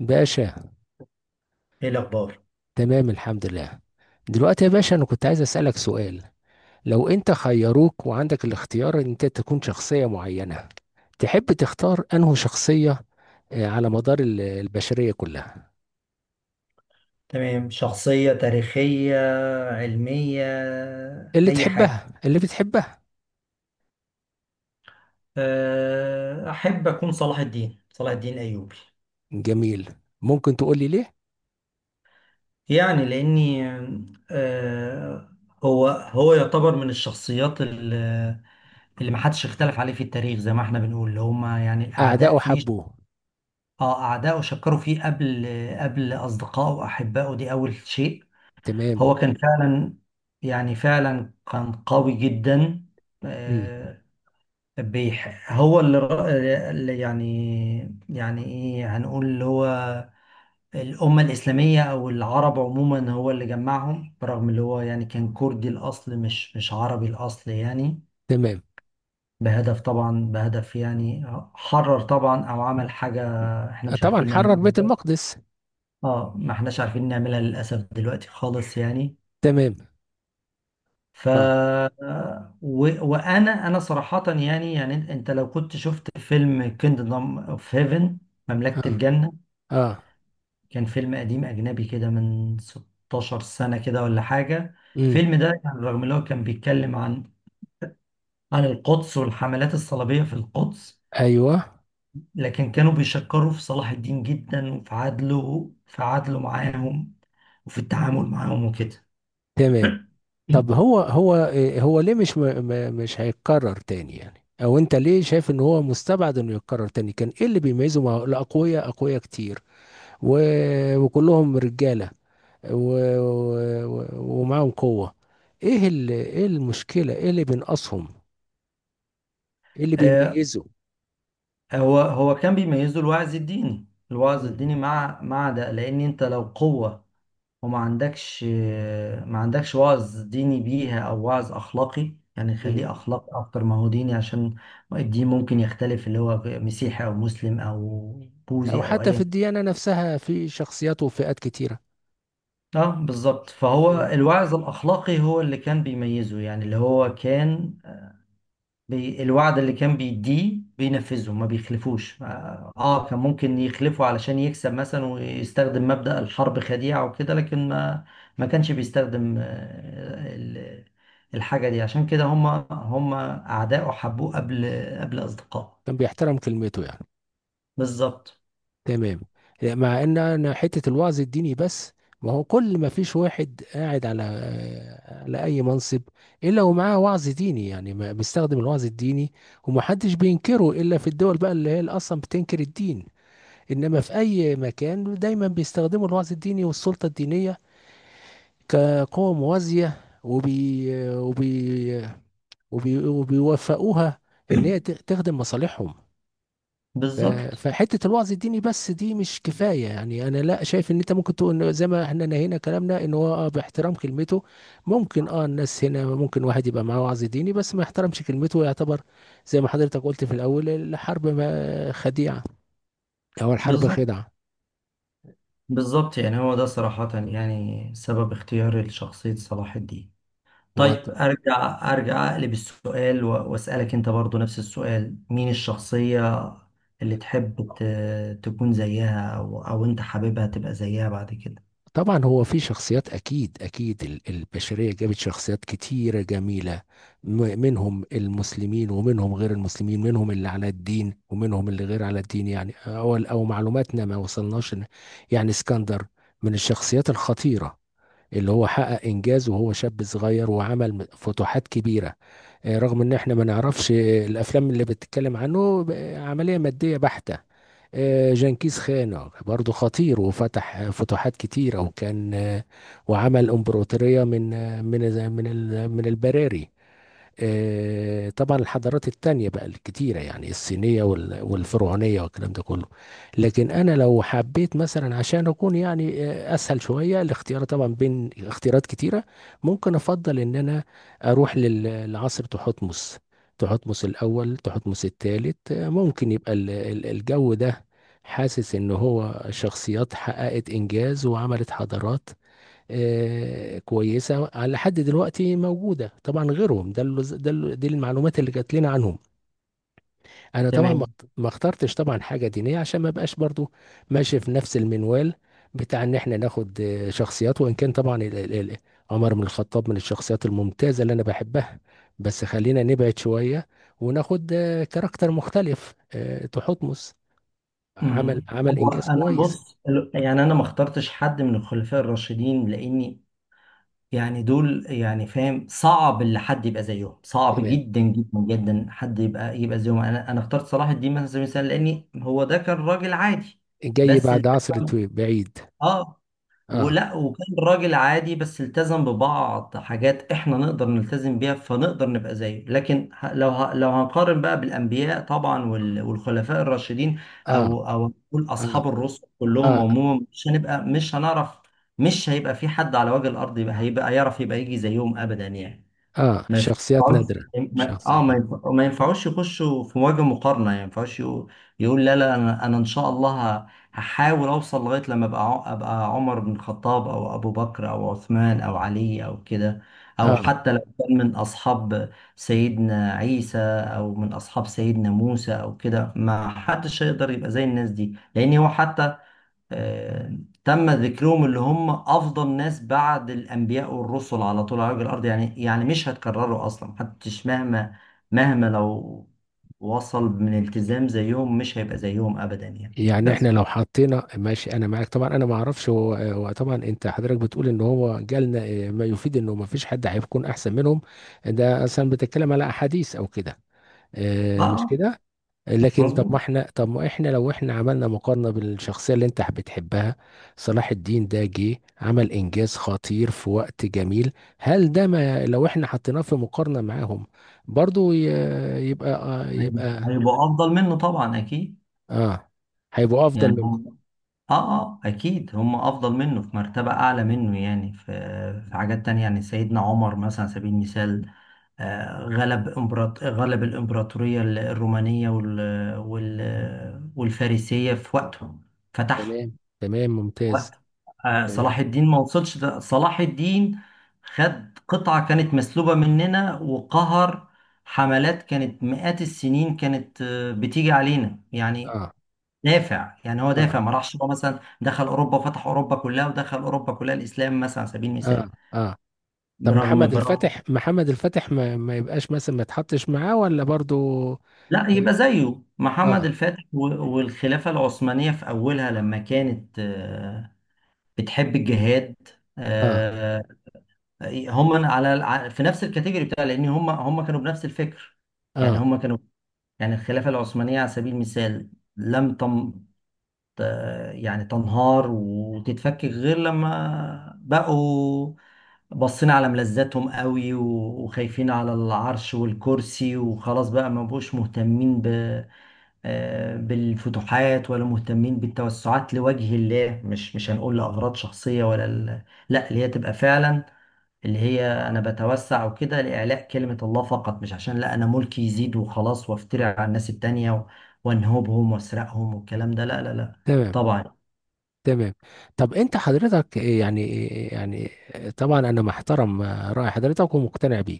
باشا. ايه الاخبار؟ تمام، الحمد لله. دلوقتي يا باشا، انا كنت عايز اسألك سؤال. لو انت خيروك وعندك الاختيار ان انت تكون شخصية معينة، تحب تختار انه شخصية، على مدار البشرية كلها؟ تمام. شخصية تاريخية، علمية، اللي اي حاجة. تحبها، اللي بتحبها. احب اكون صلاح الدين، صلاح الدين الايوبي. جميل. ممكن تقول لي ليه؟ يعني لاني أه، هو يعتبر من الشخصيات اللي ما حدش اختلف عليه في التاريخ، زي ما احنا بنقول اللي هما يعني الاعداء اعداؤه فيه. حبوه. اه، اعدائه شكروا فيه قبل اصدقائه واحبائه. دي اول شيء. تمام. هو كان فعلا، يعني فعلا كان قوي جدا. مم. آه، هو اللي اللي يعني ايه هنقول اللي هو الأمة الإسلامية أو العرب عموما، هو اللي جمعهم، برغم اللي هو يعني كان كردي الأصل، مش عربي الأصل يعني. تمام. بهدف طبعا، بهدف يعني حرر طبعا أو عمل حاجة احنا مش طبعا عارفين حرر نعملها. بيت المقدس. اه، ما احناش عارفين نعملها للأسف دلوقتي خالص يعني. تمام. ف اه. وانا صراحة، يعني أنت لو كنت شفت فيلم كيندم اوف هيفن، مملكة اه. الجنة. اه. كان فيلم قديم اجنبي كده من 16 سنة كده ولا حاجة. مم. الفيلم ده يعني رغم ان هو كان بيتكلم عن القدس والحملات الصليبية في القدس، ايوه. لكن كانوا بيشكروا في صلاح الدين جدا، وفي عدله، في عدله معاهم وفي التعامل معاهم وكده. تمام. طب هو هو ليه مش مش هيتكرر تاني يعني؟ او انت ليه شايف ان هو مستبعد انه يتكرر تاني؟ كان ايه اللي بيميزه؟ مع الاقوياء، اقوياء كتير و... وكلهم رجالة. و... ومعاهم قوة. ايه المشكلة، ايه اللي بينقصهم؟ ايه اللي آه، بيميزه؟ هو كان بيميزه الوعظ الديني، الوعظ الديني، مم. مع ده لان انت لو قوة وما عندكش ما عندكش وعظ ديني بيها او وعظ اخلاقي، يعني خليه مم. اخلاقي اكتر ما هو ديني، عشان الدين ممكن يختلف اللي هو مسيحي او مسلم او او بوذي او حتى في ايا. الديانة نفسها، في شخصيات وفئات كتيرة. اه، بالظبط، فهو تمام. الوعظ الاخلاقي هو اللي كان بيميزه يعني، اللي هو كان الوعد اللي كان بيديه بينفذه، ما بيخلفوش. اه، كان ممكن يخلفه علشان يكسب مثلا ويستخدم مبدأ الحرب خديعة وكده، لكن ما، ما كانش بيستخدم الحاجة دي. عشان كده هم أعداءه حبوه قبل أصدقائه. كان بيحترم كلمته يعني. بالظبط، تمام. لا، مع ان انا حته الوعظ الديني بس، ما هو كل ما فيش واحد قاعد على اي منصب الا ومعاه وعظ ديني، يعني بيستخدم الوعظ الديني ومحدش بينكره الا في الدول بقى اللي هي اللي اصلا بتنكر الدين. انما في اي مكان دايما بيستخدموا الوعظ الديني والسلطه الدينيه كقوه موازيه، وبيوفقوها ان هي تخدم مصالحهم. ف- بالظبط، فحته الوعظ الديني بس دي مش كفايه يعني. انا لا شايف ان انت ممكن تقول إن زي ما احنا نهينا كلامنا ان هو اه باحترام كلمته. ممكن، الناس هنا ممكن واحد يبقى معاه وعظ ديني بس ما يحترمش كلمته، يعتبر زي ما حضرتك قلت في الاول: الحرب ما خديعه، او الحرب بالظبط، خدعه. بالظبط. يعني هو ده صراحة يعني سبب اختياري لشخصية صلاح الدين. طيب ارجع، ارجع اقلب السؤال واسالك انت برضو نفس السؤال، مين الشخصيه اللي تحب تكون زيها، او انت حاببها تبقى زيها بعد كده. طبعا هو في شخصيات، اكيد اكيد البشريه جابت شخصيات كتيره جميله، منهم المسلمين ومنهم غير المسلمين، منهم اللي على الدين ومنهم اللي غير على الدين يعني. او او معلوماتنا ما وصلناش. يعني اسكندر من الشخصيات الخطيره، اللي هو حقق انجاز وهو شاب صغير وعمل فتوحات كبيره. رغم ان احنا ما نعرفش، الافلام اللي بتتكلم عنه عمليه ماديه بحته. جنكيز خان برضه خطير، وفتح فتوحات كتيرة، وكان وعمل امبراطورية من آه، من من ال- من البراري. طبعا الحضارات التانية بقى الكتيرة، يعني الصينية والفرعونية والكلام ده كله. لكن أنا لو حبيت مثلا عشان أكون يعني، أسهل شوية الاختيار طبعا بين اختيارات كتيرة، ممكن أفضل إن أنا أروح لعصر تحتمس، تحتمس الأول، تحتمس الثالث. ممكن يبقى الجو ده. حاسس إن هو شخصيات حققت إنجاز وعملت حضارات كويسه على حد دلوقتي موجوده طبعا غيرهم، ده اللي ده اللي دي المعلومات اللي جات لنا عنهم. انا طبعا ما تمام. ما اخترتش طبعا حاجه دينيه عشان ما بقاش برضو ماشي في نفس المنوال بتاع ان احنا ناخد شخصيات، وان كان طبعا عمر بن الخطاب من الشخصيات الممتازه اللي انا بحبها، بس خلينا نبعد شويه وناخد كاركتر مختلف، تحتمس. عمل عمل هو انجاز انا كويس. بص، يعني انا ما اخترتش حد من الخلفاء الراشدين لاني، يعني دول يعني، فاهم، صعب اللي حد يبقى زيهم، صعب تمام. جدا جدا جدا حد يبقى زيهم. انا اخترت صلاح الدين مثلا على سبيل المثال لاني هو ده كان راجل عادي. جاي بس، بعد عصر طويل بعيد. اه اه. ولا وكان راجل عادي بس التزم ببعض حاجات احنا نقدر نلتزم بيها، فنقدر نبقى زيه. لكن لو هنقارن بقى بالانبياء طبعا والخلفاء الراشدين، اه. او نقول اه. اصحاب الرسل كلهم اه. عموما، مش هنبقى، مش هنعرف. مش هيبقى في حد على وجه الارض يبقى، هيبقى يعرف يبقى يجي زيهم ابدا يعني. اه. ما شخصيات ينفعوش، نادرة. شخصيات نادرة. ما ينفعوش يخشوا في مواجهة مقارنة يعني، ما ينفعوش يقول لا، لا، انا ان شاء الله ه... هحاول اوصل لغاية لما ابقى عمر بن الخطاب او ابو بكر او عثمان او علي او كده، او اه. حتى لو كان من اصحاب سيدنا عيسى او من اصحاب سيدنا موسى او كده. ما حدش هيقدر يبقى زي الناس دي، لان هو حتى آه، تم ذكرهم، اللي هم افضل ناس بعد الانبياء والرسل على طول على وجه الارض يعني. يعني مش هتكرروا اصلا، محدش مهما لو وصل من التزام زيهم مش هيبقى زيهم ابدا يعني. يعني احنا بس لو حطينا، ماشي انا معاك طبعا، انا ما اعرفش هو طبعا. انت حضرتك بتقول ان هو جالنا ما يفيد انه ما فيش حد هيكون احسن منهم، ده اصلا بتتكلم على احاديث او كده؟ اه آه، مش آه، كده. لكن طب، مظبوط، ما احنا لو احنا عملنا مقارنة بالشخصية اللي انت بتحبها، صلاح الدين ده جه عمل انجاز خطير في وقت جميل. هل ده، ما لو احنا حطيناه في مقارنة معاهم، برضو يبقى هيبقوا افضل منه طبعا اكيد. اه، هيبقوا افضل يعني منكم. هم، اه اه اكيد هم افضل منه، في مرتبة اعلى منه يعني، في في حاجات تانية. يعني سيدنا عمر مثلا على سبيل المثال غلب الإمبراطورية الرومانية والفارسية في وقته. فتح تمام تمام، ممتاز. وقته. صلاح تمام. الدين ما وصلش ده. صلاح الدين خد قطعة كانت مسلوبة مننا، وقهر حملات كانت مئات السنين كانت بتيجي علينا يعني. اه. دافع يعني، هو اه. دافع، ما راحش هو مثلا دخل أوروبا وفتح أوروبا كلها ودخل أوروبا كلها الإسلام مثلا على سبيل اه. المثال. اه. طب برغم محمد برغم الفاتح، محمد الفاتح ما يبقاش مثلا، ما يتحطش معاه ولا برضو؟ لا، يبقى زيه محمد اه. الفاتح والخلافة العثمانية في أولها لما كانت بتحب الجهاد. اه. آه، هم على في نفس الكاتيجوري بتاع، لأن هم كانوا بنفس الفكر. يعني اه. هم كانوا، يعني الخلافة العثمانية على سبيل المثال لم تم ت- يعني تنهار وتتفكك غير لما بقوا بصينا على ملذاتهم قوي، وخايفين على العرش والكرسي وخلاص. بقى ما بقوش مهتمين ب، بالفتوحات، ولا مهتمين بالتوسعات لوجه الله. مش هنقول لأغراض شخصية لا، اللي هي تبقى فعلا اللي هي أنا بتوسع وكده لإعلاء كلمة الله فقط، مش عشان لا، أنا ملكي يزيد وخلاص وأفترع على الناس التانية وأنهبهم وأسرقهم والكلام ده. لا، لا، لا. تمام. طبعا. تمام. طب انت حضرتك إيه يعني، إيه يعني؟ طبعا انا محترم رأي حضرتك ومقتنع بيه،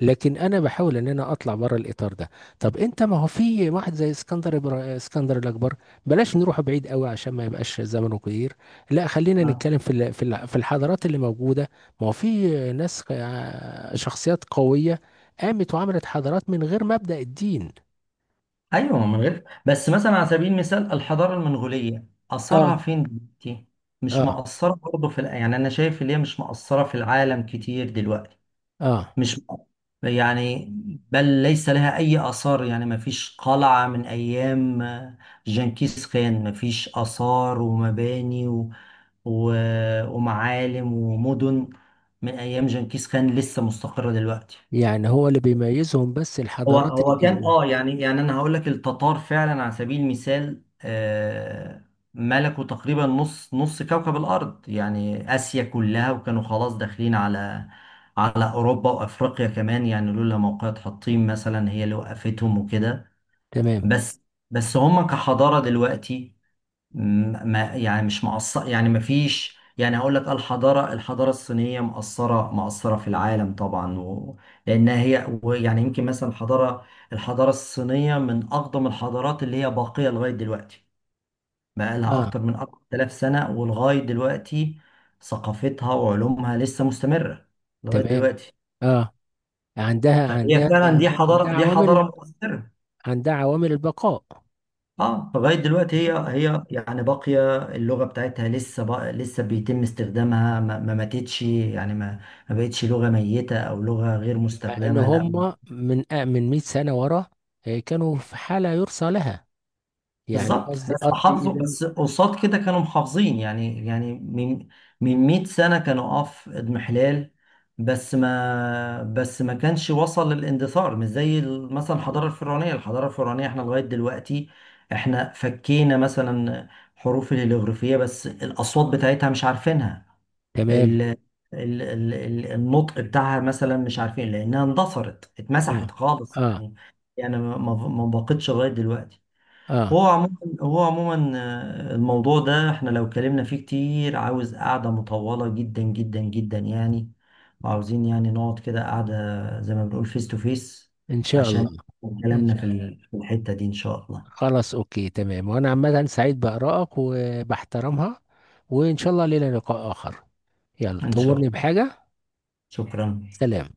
لكن انا بحاول ان انا اطلع بره الاطار ده. طب انت، ما هو في واحد زي اسكندر، اسكندر الاكبر. بلاش نروح بعيد قوي عشان ما يبقاش زمنه كبير، لا خلينا آه. نتكلم في في الحضارات اللي موجودة. ما هو في ناس، شخصيات قوية قامت وعملت حضارات من غير مبدأ الدين. أيوه، من غير. بس مثلا على سبيل المثال الحضارة المنغولية اه. أثرها فين دلوقتي؟ مش اه. مقصرة برضه في يعني أنا شايف اللي هي مش مقصرة في العالم كتير دلوقتي. اه. مش، يعني بل ليس لها أي آثار يعني. ما فيش قلعة من أيام جنكيز خان، ما فيش آثار ومباني و... ومعالم ومدن من أيام جنكيز خان لسه مستقرة دلوقتي. يعني هو اللي بيميزهم بس هو الحضارات؟ هو كان اه، يعني انا هقول لك، التتار فعلا على سبيل المثال ملكوا تقريبا نص كوكب الارض، يعني اسيا كلها، وكانوا خلاص داخلين على على اوروبا وافريقيا كمان يعني، لولا موقعة حطين مثلا هي اللي وقفتهم وكده. تمام. بس بس هم كحضارة دلوقتي ما، يعني مش مقصر يعني، ما فيش. يعني هقول لك الحضارة، الحضارة الصينية مقصرة، مقصرة في العالم طبعا، لأنها هي، ويعني يمكن مثلا الحضارة، الحضارة الصينية من أقدم الحضارات اللي هي باقية لغاية دلوقتي، بقى لها اه. أكتر من 4000 سنة ولغاية دلوقتي ثقافتها وعلومها لسه مستمرة لغاية تمام. دلوقتي. اه. عندها فهي عندها فعلا، دي عندها حضارة، دي حضارة عوامل مؤثرة. عندها عوامل البقاء. اه، لغايه دلوقتي تمام. هي يعني باقيه، اللغه بتاعتها لسه بقى لسه بيتم استخدامها، ما ماتتش يعني، ما بقتش لغه ميته او لغه غير مع ان مستخدمه لا. هم من، من 100 سنه ورا، كانوا في حاله يرثى لها. يعني بالظبط. قصدي، بس حافظوا، اذا... بس قصاد كده كانوا محافظين يعني، يعني من 100 سنة كانوا اه في اضمحلال، بس ما كانش وصل للاندثار. مش زي مثلا الحضارة الفرعونية، الحضارة الفرعونية احنا لغاية دلوقتي احنا فكينا مثلا حروف الهيروغليفية، بس الأصوات بتاعتها مش عارفينها. ال تمام. النطق بتاعها مثلا مش عارفين لأنها اندثرت اه. اتمسحت خالص اه. يعني. يعني ما بقتش لغاية دلوقتي. اه. هو عموما هو عموما الموضوع ده احنا لو اتكلمنا فيه كتير عاوز قعدة مطولة جدا جدا جدا يعني، وعاوزين يعني نقعد كده قعدة زي ما بنقول فيس تو فيس، ان شاء عشان الله. ان كلامنا شاء في الله. في الحتة دي ان شاء الله. خلاص، اوكي، تمام، وانا عامه سعيد بارائك وبحترمها، وان شاء الله لنا لقاء اخر. يلا، ان شاء تأمرني الله. بحاجه. شكرا. سلام.